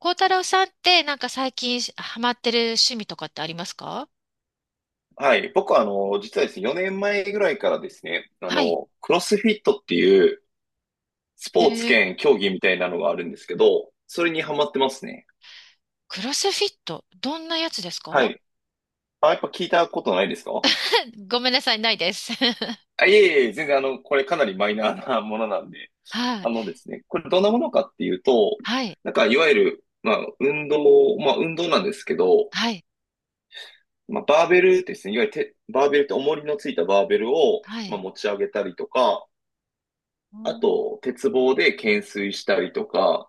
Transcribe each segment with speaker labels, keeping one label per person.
Speaker 1: 孝太郎さんって、なんか最近ハマってる趣味とかってありますか？
Speaker 2: はい。僕は、実はですね、4年前ぐらいからですね、
Speaker 1: はい。
Speaker 2: クロスフィットっていうス
Speaker 1: え
Speaker 2: ポーツ
Speaker 1: ー、
Speaker 2: 兼競技みたいなのがあるんですけど、それにハマってますね。
Speaker 1: クロスフィット、どんなやつです
Speaker 2: は
Speaker 1: か？
Speaker 2: い。あ、やっぱ聞いたことないですか？
Speaker 1: ごめんなさい、ないです。
Speaker 2: あ、いえいえ、全然これかなりマイナーなものなんで。
Speaker 1: は
Speaker 2: あ
Speaker 1: い。
Speaker 2: のですね、これどんなものかっていうと、
Speaker 1: はい。
Speaker 2: なんかいわゆる、まあ、運動、まあ、運動なんですけど、
Speaker 1: はい。
Speaker 2: まあ、バーベルですね、いわゆるてバーベルって重りのついたバーベルを、
Speaker 1: は
Speaker 2: まあ、
Speaker 1: い。
Speaker 2: 持ち上げたりとか、
Speaker 1: う
Speaker 2: あ
Speaker 1: ん。
Speaker 2: と、鉄棒で懸垂したりとか、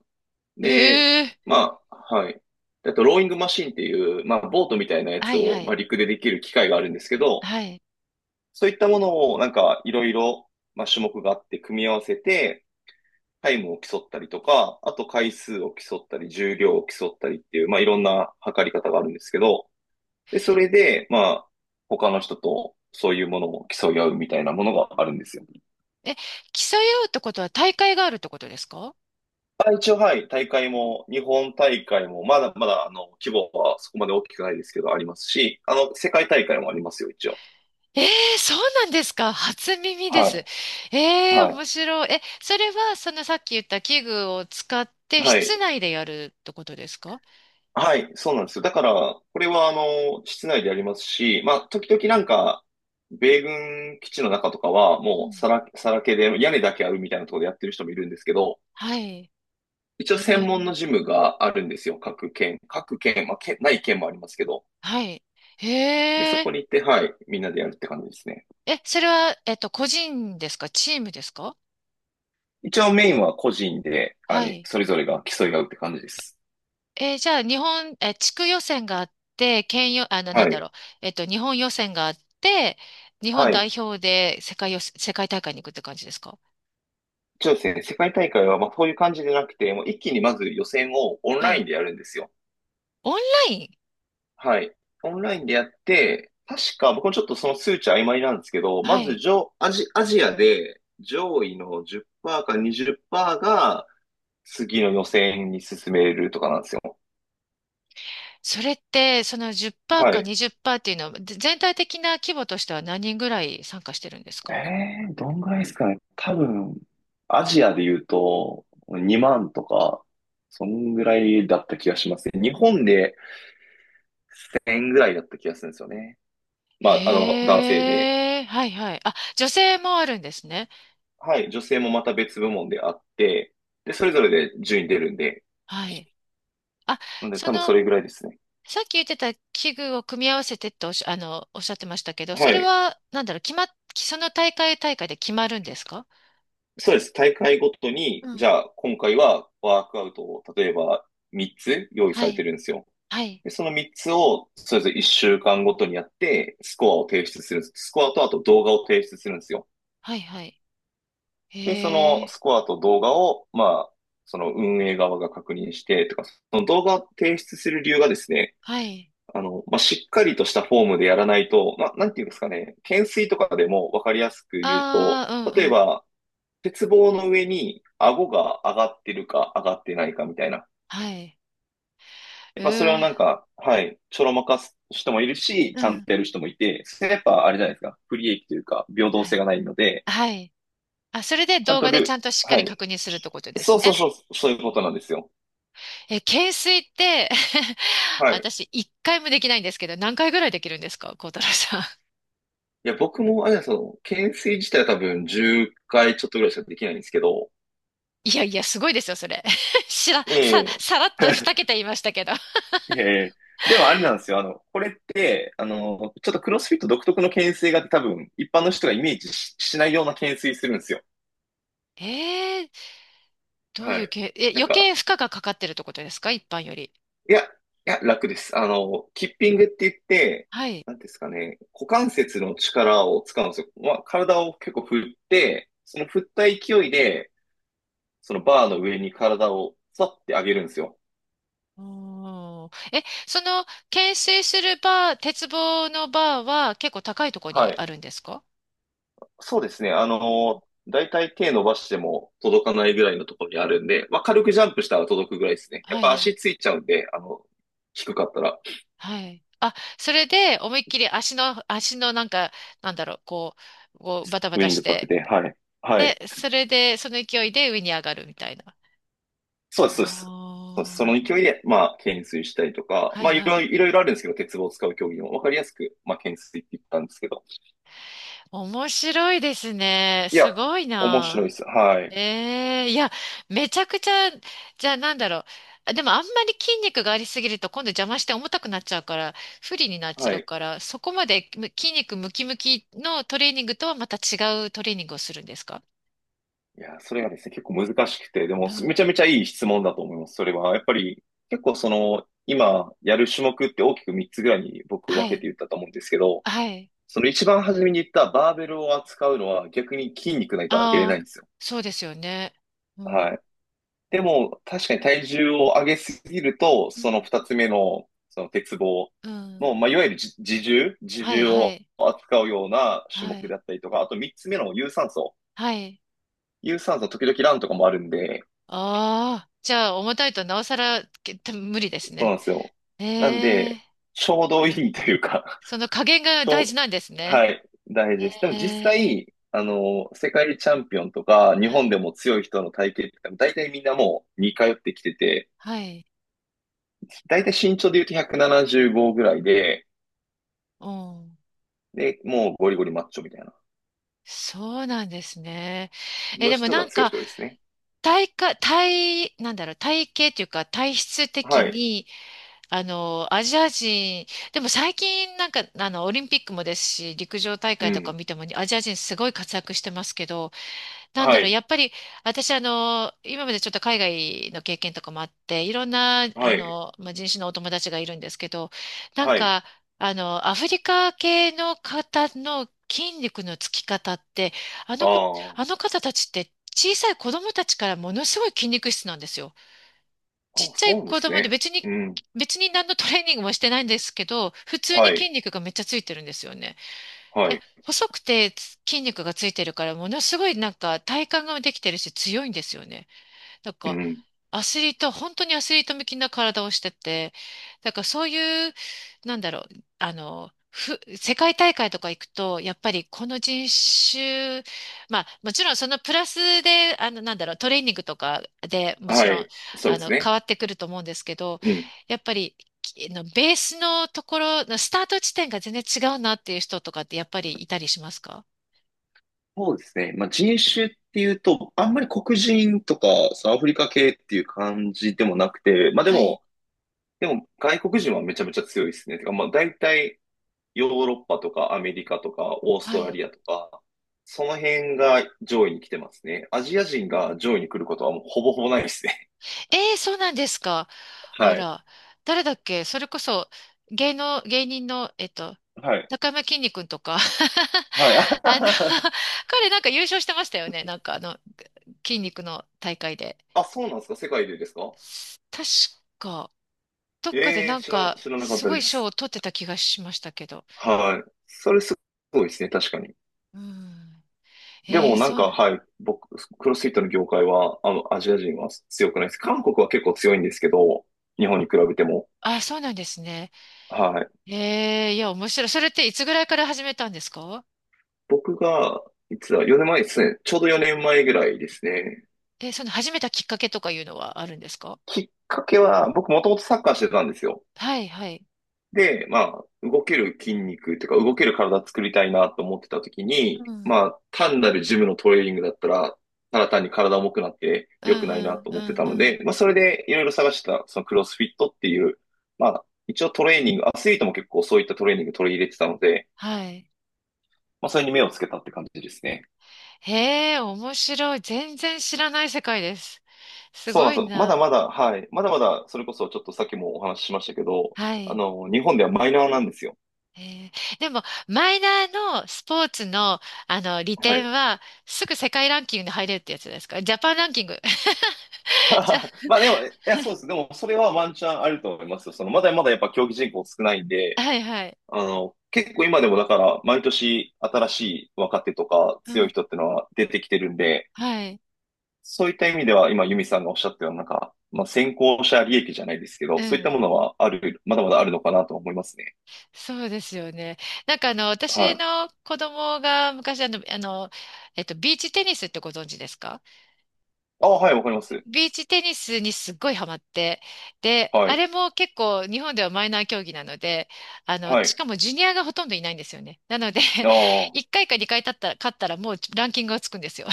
Speaker 2: で、
Speaker 1: えー、
Speaker 2: まあ、はい。あと、ローイングマシンっていう、まあ、ボートみたいなや
Speaker 1: は
Speaker 2: つ
Speaker 1: い、
Speaker 2: を、
Speaker 1: は
Speaker 2: まあ、
Speaker 1: い。
Speaker 2: 陸でできる機械があるんですけど、
Speaker 1: はい。
Speaker 2: そういったものを、なんか、いろいろ、まあ、種目があって、組み合わせて、タイムを競ったりとか、あと回数を競ったり、重量を競ったりっていう、まあ、いろんな測り方があるんですけど、で、それで、まあ、他の人とそういうものを競い合うみたいなものがあるんですよ。
Speaker 1: え、競い合うってことは大会があるってことですか？
Speaker 2: あ、一応、はい、大会も、日本大会も、まだまだ、規模はそこまで大きくないですけど、ありますし、世界大会もありますよ、一応。
Speaker 1: えー、そうなんですか。初耳で
Speaker 2: は
Speaker 1: す。
Speaker 2: い、
Speaker 1: えー、
Speaker 2: はい、
Speaker 1: 面白い。え、それは、そのさっき言った器具を使って
Speaker 2: は
Speaker 1: 室
Speaker 2: い、
Speaker 1: 内でやるってことですか？
Speaker 2: はい、そうなんですよ。だから、これは、室内でやりますし、まあ、時々なんか、米軍基地の中とかは、
Speaker 1: う
Speaker 2: もう、
Speaker 1: ん。
Speaker 2: さらけで、屋根だけあるみたいなところでやってる人もいるんですけど、
Speaker 1: はい。
Speaker 2: 一応、
Speaker 1: へ
Speaker 2: 専
Speaker 1: え、
Speaker 2: 門のジムがあるんですよ、各県。各県、まあ、ない県もありますけど。
Speaker 1: はい。へ
Speaker 2: で、そ
Speaker 1: え、
Speaker 2: こに行って、はい、みんなでやるって感じですね。
Speaker 1: え、それは、個人ですかチームですか？
Speaker 2: 一応メインは個人で、
Speaker 1: はい。
Speaker 2: それぞれが競い合うって感じです。
Speaker 1: じゃあ、日本、地区予選があって、県予、な
Speaker 2: は
Speaker 1: んだ
Speaker 2: い。
Speaker 1: ろう、日本予選があって、日本
Speaker 2: は
Speaker 1: 代
Speaker 2: い。
Speaker 1: 表で世界予選、世界大会に行くって感じですか？
Speaker 2: そうですね。世界大会は、まあ、そういう感じじゃなくて、もう一気にまず予選をオン
Speaker 1: は
Speaker 2: ライ
Speaker 1: い。
Speaker 2: ンでやるんですよ。
Speaker 1: オンライン、
Speaker 2: はい。オンラインでやって、確か、僕もちょっとその数値曖昧なんですけど、
Speaker 1: は
Speaker 2: まず
Speaker 1: い。
Speaker 2: 上、アジ、アジアで上位の10%か20%が次の予選に進めるとかなんですよ。
Speaker 1: それって、その10%
Speaker 2: は
Speaker 1: か
Speaker 2: い。
Speaker 1: 20%っパーセントっていうのは、全体的な規模としては何人ぐらい参加してるんですか？
Speaker 2: どんぐらいですかね。多分、アジアで言うと、2万とか、そんぐらいだった気がしますね。日本で1000円ぐらいだった気がするんですよね。まあ、男性で。
Speaker 1: へえ、はいはい。あ、女性もあるんですね。
Speaker 2: はい、女性もまた別部門であって、で、それぞれで順位出るんで、
Speaker 1: はい。あ、
Speaker 2: なんで
Speaker 1: そ
Speaker 2: 多分そ
Speaker 1: の、
Speaker 2: れぐらいですね。
Speaker 1: さっき言ってた器具を組み合わせてっておっしゃってましたけど、そ
Speaker 2: は
Speaker 1: れ
Speaker 2: い。
Speaker 1: は、なんだろう、決まっ、その大会大会で決まるんですか？
Speaker 2: そうです。大会ごとに、
Speaker 1: う
Speaker 2: じ
Speaker 1: ん。
Speaker 2: ゃあ今回はワークアウトを例えば3つ用意さ
Speaker 1: は
Speaker 2: れて
Speaker 1: い、
Speaker 2: るんですよ。
Speaker 1: はい、
Speaker 2: で、その3つを、それぞれ1週間ごとにやって、スコアを提出するんです。スコアとあと動画を提出するんですよ。
Speaker 1: はい、はい。
Speaker 2: で、そ
Speaker 1: へ
Speaker 2: のス
Speaker 1: え、
Speaker 2: コアと動画を、まあ、その運営側が確認して、とか、その動画を提出する理由がですね、
Speaker 1: はい。
Speaker 2: まあ、しっかりとしたフォームでやらないと、まあ、なんていうんですかね、懸垂とかでもわかりやすく言うと、
Speaker 1: ああ、う
Speaker 2: 例
Speaker 1: ん、
Speaker 2: え
Speaker 1: うん。
Speaker 2: ば、鉄棒の上に顎が上がってるか上がってないかみたいな。
Speaker 1: はい。
Speaker 2: や
Speaker 1: う
Speaker 2: っぱそれ
Speaker 1: ー、
Speaker 2: はなんか、はい、ちょろまかす人もいるし、
Speaker 1: う
Speaker 2: ちゃん
Speaker 1: ん。
Speaker 2: とやる人もいて、それやっぱあれじゃないですか、不利益というか、平等
Speaker 1: は
Speaker 2: 性
Speaker 1: い。
Speaker 2: がないので、
Speaker 1: はい。あ、それで
Speaker 2: ちゃん
Speaker 1: 動
Speaker 2: と
Speaker 1: 画でちゃ
Speaker 2: ル、
Speaker 1: んとしっか
Speaker 2: は
Speaker 1: り確
Speaker 2: い。
Speaker 1: 認するってことで
Speaker 2: そ
Speaker 1: す
Speaker 2: うそう
Speaker 1: ね。
Speaker 2: そう、そういうことなんですよ。
Speaker 1: え、懸垂って、
Speaker 2: はい。
Speaker 1: 私、一回もできないんですけど、何回ぐらいできるんですか、孝太郎さん。
Speaker 2: いや、僕も、あれなんですよ、懸垂自体は多分10回ちょっとぐらいしかできないんですけど、
Speaker 1: いやいや、すごいですよ、それ。しら、さ、
Speaker 2: ええ
Speaker 1: さらっと二桁言いましたけど。
Speaker 2: ええ、でもあれなんですよ。これって、ちょっとクロスフィット独特の懸垂があって多分、一般の人がイメージし、しないような懸垂するんですよ。
Speaker 1: ええー、どうい
Speaker 2: は
Speaker 1: う
Speaker 2: い。
Speaker 1: け、え、
Speaker 2: なん
Speaker 1: 余
Speaker 2: か、
Speaker 1: 計負荷がかかってるってことですか、一般より。
Speaker 2: いや、いや、楽です。キッピングって言って、
Speaker 1: はい。
Speaker 2: なんていうんですかね、股関節の力を使うんですよ。まあ、体を結構振って、その振った勢いで、そのバーの上に体をさって上げるんですよ。
Speaker 1: おー、え、その、懸垂するバー、鉄棒のバーは結構高いとこ
Speaker 2: は
Speaker 1: にあ
Speaker 2: い。
Speaker 1: るんですか？
Speaker 2: そうですね。だいたい手伸ばしても届かないぐらいのところにあるんで、まあ、軽くジャンプしたら届くぐらいですね。やっ
Speaker 1: はい
Speaker 2: ぱ
Speaker 1: はい。
Speaker 2: 足ついちゃうんで、低かったら、
Speaker 1: はい。あ、それで思いっきり足のなんか、なんだろう、こうバタバ
Speaker 2: ス
Speaker 1: タ
Speaker 2: イン
Speaker 1: し
Speaker 2: グさせ
Speaker 1: て、
Speaker 2: て、はい。はい。
Speaker 1: で、それで、その勢いで上に上がるみたいな。
Speaker 2: そうです、そう
Speaker 1: あ
Speaker 2: です。そうです、その
Speaker 1: ー、
Speaker 2: 勢いで、まあ、懸垂したりとか、
Speaker 1: はい
Speaker 2: まあ、い
Speaker 1: は
Speaker 2: ろ
Speaker 1: い。
Speaker 2: いろ、いろいろあるんですけど、鉄棒を使う競技もわかりやすく、まあ、懸垂って言ったんですけど。
Speaker 1: 面白いですね。
Speaker 2: いや、
Speaker 1: すごい
Speaker 2: 面白
Speaker 1: な。
Speaker 2: いです。はい。
Speaker 1: ええ、いや、めちゃくちゃ、じゃあなんだろう。あ、でもあんまり筋肉がありすぎると今度邪魔して重たくなっちゃうから、不利になっち
Speaker 2: は
Speaker 1: ゃう
Speaker 2: い。
Speaker 1: から、そこまで筋肉ムキムキのトレーニングとはまた違うトレーニングをするんですか？
Speaker 2: いや、それがですね、結構難しくて、でも、
Speaker 1: うん。
Speaker 2: めちゃめちゃいい質問だと思います。それは、やっぱり、結構今、やる種目って大きく3つぐらいに僕
Speaker 1: は
Speaker 2: 分け
Speaker 1: い。
Speaker 2: て言ったと思うんですけど、
Speaker 1: はい。
Speaker 2: その一番初めに言ったバーベルを扱うのは逆に筋肉ないと開けれな
Speaker 1: あ
Speaker 2: い
Speaker 1: あ、
Speaker 2: んですよ。
Speaker 1: そうですよね。うん。
Speaker 2: はい。でも、確かに体重を上げすぎると、
Speaker 1: う
Speaker 2: そ
Speaker 1: ん。
Speaker 2: の二つ目の、その鉄棒
Speaker 1: うん。
Speaker 2: の、まあ、いわゆるじ自重、自
Speaker 1: はい、
Speaker 2: 重
Speaker 1: は
Speaker 2: を
Speaker 1: い。
Speaker 2: 扱うような種
Speaker 1: は
Speaker 2: 目
Speaker 1: い。
Speaker 2: だったりとか、あと三つ目の有酸素。
Speaker 1: はい。
Speaker 2: 有酸素時々ランとかもあるんで、
Speaker 1: ああ、じゃあ重たいとなおさら無理です
Speaker 2: そう
Speaker 1: ね。
Speaker 2: なんですよ。なん
Speaker 1: え
Speaker 2: で、
Speaker 1: え、
Speaker 2: ちょうどいいというか、
Speaker 1: その加減 が
Speaker 2: ち
Speaker 1: 大
Speaker 2: ょ
Speaker 1: 事
Speaker 2: う、
Speaker 1: なんです
Speaker 2: は
Speaker 1: ね。
Speaker 2: い、大事です。でも実
Speaker 1: ええ、
Speaker 2: 際、世界チャンピオンとか、日
Speaker 1: は
Speaker 2: 本
Speaker 1: い。
Speaker 2: でも強い人の体型って、大体みんなもう似通ってきてて、
Speaker 1: はい。
Speaker 2: 大体身長で言うと175ぐらいで、
Speaker 1: うん。
Speaker 2: で、もうゴリゴリマッチョみたいな。
Speaker 1: そうなんですね。え、
Speaker 2: の
Speaker 1: でも
Speaker 2: 人
Speaker 1: な
Speaker 2: が
Speaker 1: ん
Speaker 2: 強い
Speaker 1: か、
Speaker 2: 人多いですね。
Speaker 1: 体か、体、なんだろう、体型っていうか、体質的
Speaker 2: はい。
Speaker 1: に、あの、アジア人、でも最近なんか、あの、オリンピックもですし、陸上大
Speaker 2: う
Speaker 1: 会とか
Speaker 2: ん。
Speaker 1: 見ても、アジア人すごい活躍してますけど、なんだ
Speaker 2: は
Speaker 1: ろう、
Speaker 2: い。
Speaker 1: やっぱり私、あの、今までちょっと海外の経験とかもあって、いろんな、
Speaker 2: は
Speaker 1: あ
Speaker 2: い。
Speaker 1: の、まあ、人種のお友達がいるんですけど、なん
Speaker 2: はい。
Speaker 1: か、あの、アフリカ系の方の筋肉のつき方って、あ
Speaker 2: あ
Speaker 1: の子、
Speaker 2: あ。
Speaker 1: あの方たちって小さい子供たちからものすごい筋肉質なんですよ。
Speaker 2: あ、
Speaker 1: ちっちゃ
Speaker 2: そ
Speaker 1: い
Speaker 2: うなんで
Speaker 1: 子
Speaker 2: す
Speaker 1: 供で
Speaker 2: ね。
Speaker 1: 別に、
Speaker 2: うん。
Speaker 1: 別に何のトレーニングもしてないんですけど、普通に
Speaker 2: は
Speaker 1: 筋
Speaker 2: い。
Speaker 1: 肉がめっちゃついてるんですよね。
Speaker 2: は
Speaker 1: え、
Speaker 2: い。
Speaker 1: 細くて筋肉がついてるから、ものすごいなんか体幹ができてるし強いんですよね。なん
Speaker 2: う
Speaker 1: か
Speaker 2: ん。
Speaker 1: アスリート、本当にアスリート向きな体をしてて、だからそういう、なんだろう、あの、世界大会とか行くと、やっぱりこの人種、まあもちろんそのプラスで、あの、なんだろう、トレーニングとかでもち
Speaker 2: は
Speaker 1: ろん、
Speaker 2: い。そう
Speaker 1: あ
Speaker 2: です
Speaker 1: の、変
Speaker 2: ね。
Speaker 1: わってくると思うんですけど、
Speaker 2: うん。
Speaker 1: やっぱり、のベースのところのスタート地点が全然違うなっていう人とかってやっぱりいたりしますか？
Speaker 2: そうですね。まあ、人種っていうと、あんまり黒人とかアフリカ系っていう感じでもなくて、まあ
Speaker 1: はい、
Speaker 2: でも外国人はめちゃめちゃ強いですね。てか、まあ大体ヨーロッパとかアメリカとかオース
Speaker 1: は
Speaker 2: トラ
Speaker 1: い。
Speaker 2: リアとか、その辺が上位に来てますね。アジア人が上位に来ることはもうほぼほぼないですね。
Speaker 1: ええ、そうなんですか。あ
Speaker 2: はい。
Speaker 1: ら、誰だっけ、それこそ、芸人の、えっと、
Speaker 2: はい。
Speaker 1: 中山きんに君とか。
Speaker 2: はい。
Speaker 1: あの、
Speaker 2: あ、
Speaker 1: 彼なんか優勝してましたよね。なんかあの、筋肉の大会で。
Speaker 2: そうなんですか？世界でですか？
Speaker 1: 確かどっかで
Speaker 2: ええー、
Speaker 1: なんか、
Speaker 2: 知らなかっ
Speaker 1: す
Speaker 2: た
Speaker 1: ご
Speaker 2: で
Speaker 1: い賞
Speaker 2: す。
Speaker 1: を取ってた気がしましたけど。
Speaker 2: はい。それすごいですね、確かに。
Speaker 1: うん。
Speaker 2: で
Speaker 1: え
Speaker 2: も
Speaker 1: え、
Speaker 2: なん
Speaker 1: そうな
Speaker 2: か、
Speaker 1: ん、
Speaker 2: はい、僕、クロスフィットの業界は、アジア人は強くないです。韓国は結構強いんですけど、日本に比べても。
Speaker 1: あ、そうなんですね。
Speaker 2: はい。
Speaker 1: ええ、いや、面白い。それっていつぐらいから始めたんですか？
Speaker 2: 僕が、いつだ、4年前ですね。ちょうど4年前ぐらいですね。
Speaker 1: えー、その始めたきっかけとかいうのはあるんですか？
Speaker 2: きっかけは、僕もともとサッカーしてたんですよ。
Speaker 1: はい、はい。
Speaker 2: で、まあ、動ける筋肉というか、動ける体作りたいなと思ってた時
Speaker 1: う
Speaker 2: に、
Speaker 1: ん
Speaker 2: まあ、単なるジムのトレーニングだったら、ただ単に体重くなって
Speaker 1: うんう
Speaker 2: 良くないな
Speaker 1: ん
Speaker 2: と
Speaker 1: う
Speaker 2: 思って
Speaker 1: ん
Speaker 2: たの
Speaker 1: うん。
Speaker 2: で、まあ、それでいろいろ探してた、そのクロスフィットっていう、まあ、一応トレーニング、アスリートも結構そういったトレーニング取り入れてたので、
Speaker 1: はい。
Speaker 2: まあ、それに目をつけたって感じですね。
Speaker 1: へえ、面白い。全然知らない世界です。す
Speaker 2: そう
Speaker 1: ご
Speaker 2: なん
Speaker 1: い
Speaker 2: ですよ。まだ
Speaker 1: な。
Speaker 2: まだ、はい。まだまだ、それこそちょっとさっきもお話ししましたけど、
Speaker 1: はい。
Speaker 2: 日本ではマイナーなんですよ。
Speaker 1: えー、でも、マイナーのスポーツの、あの、利
Speaker 2: は
Speaker 1: 点
Speaker 2: い。
Speaker 1: は、すぐ世界ランキングに入れるってやつですか、ジャパンランキング。じゃ、
Speaker 2: まあでも、いや、そうです。でも、それはワンチャンあると思いますよ。まだまだやっぱ競技人口少ないんで、
Speaker 1: はいはい。
Speaker 2: 結構今でもだから、毎年新しい若手とか
Speaker 1: う
Speaker 2: 強い
Speaker 1: ん。
Speaker 2: 人ってのは出てきてるんで、
Speaker 1: はい。
Speaker 2: そういった意味では今、ユミさんがおっしゃったような、なんか、まあ、先行者利益じゃないですけ
Speaker 1: う
Speaker 2: ど、そういっ
Speaker 1: ん。
Speaker 2: たものはある、まだまだあるのかなと思いますね。
Speaker 1: そうですよね。なんかあの、
Speaker 2: は
Speaker 1: 私
Speaker 2: い。
Speaker 1: の子供が昔あの、あの、えっと、ビーチテニスってご存知ですか？
Speaker 2: ああ、はい、わかります。
Speaker 1: ビーチテニスにすっごいハマって、で、
Speaker 2: は
Speaker 1: あ
Speaker 2: い。
Speaker 1: れも結構日本ではマイナー競技なので、あの、
Speaker 2: は
Speaker 1: し
Speaker 2: い。
Speaker 1: かもジュニアがほとんどいないんですよね。なので、
Speaker 2: ああ、
Speaker 1: 1回か2回勝ったら、勝ったらもうランキングがつくんですよ。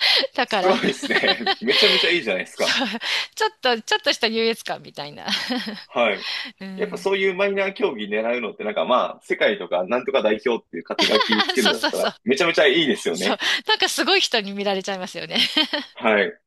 Speaker 1: だ
Speaker 2: す
Speaker 1: から、
Speaker 2: ごいです ね。めちゃめちゃいいじゃないです
Speaker 1: そ
Speaker 2: か。
Speaker 1: う、ちょっとした優越感みたいな。
Speaker 2: はい。
Speaker 1: う
Speaker 2: やっぱ
Speaker 1: ん。
Speaker 2: そういうマイナー競技狙うのってなんかまあ、世界とかなんとか代表っていう肩書きつ け
Speaker 1: そ
Speaker 2: るん
Speaker 1: う
Speaker 2: だっ
Speaker 1: そう
Speaker 2: た
Speaker 1: そ
Speaker 2: ら
Speaker 1: う。
Speaker 2: めちゃめちゃいいですよ
Speaker 1: そう。
Speaker 2: ね。
Speaker 1: なんかすごい人に見られちゃいますよね。
Speaker 2: はい。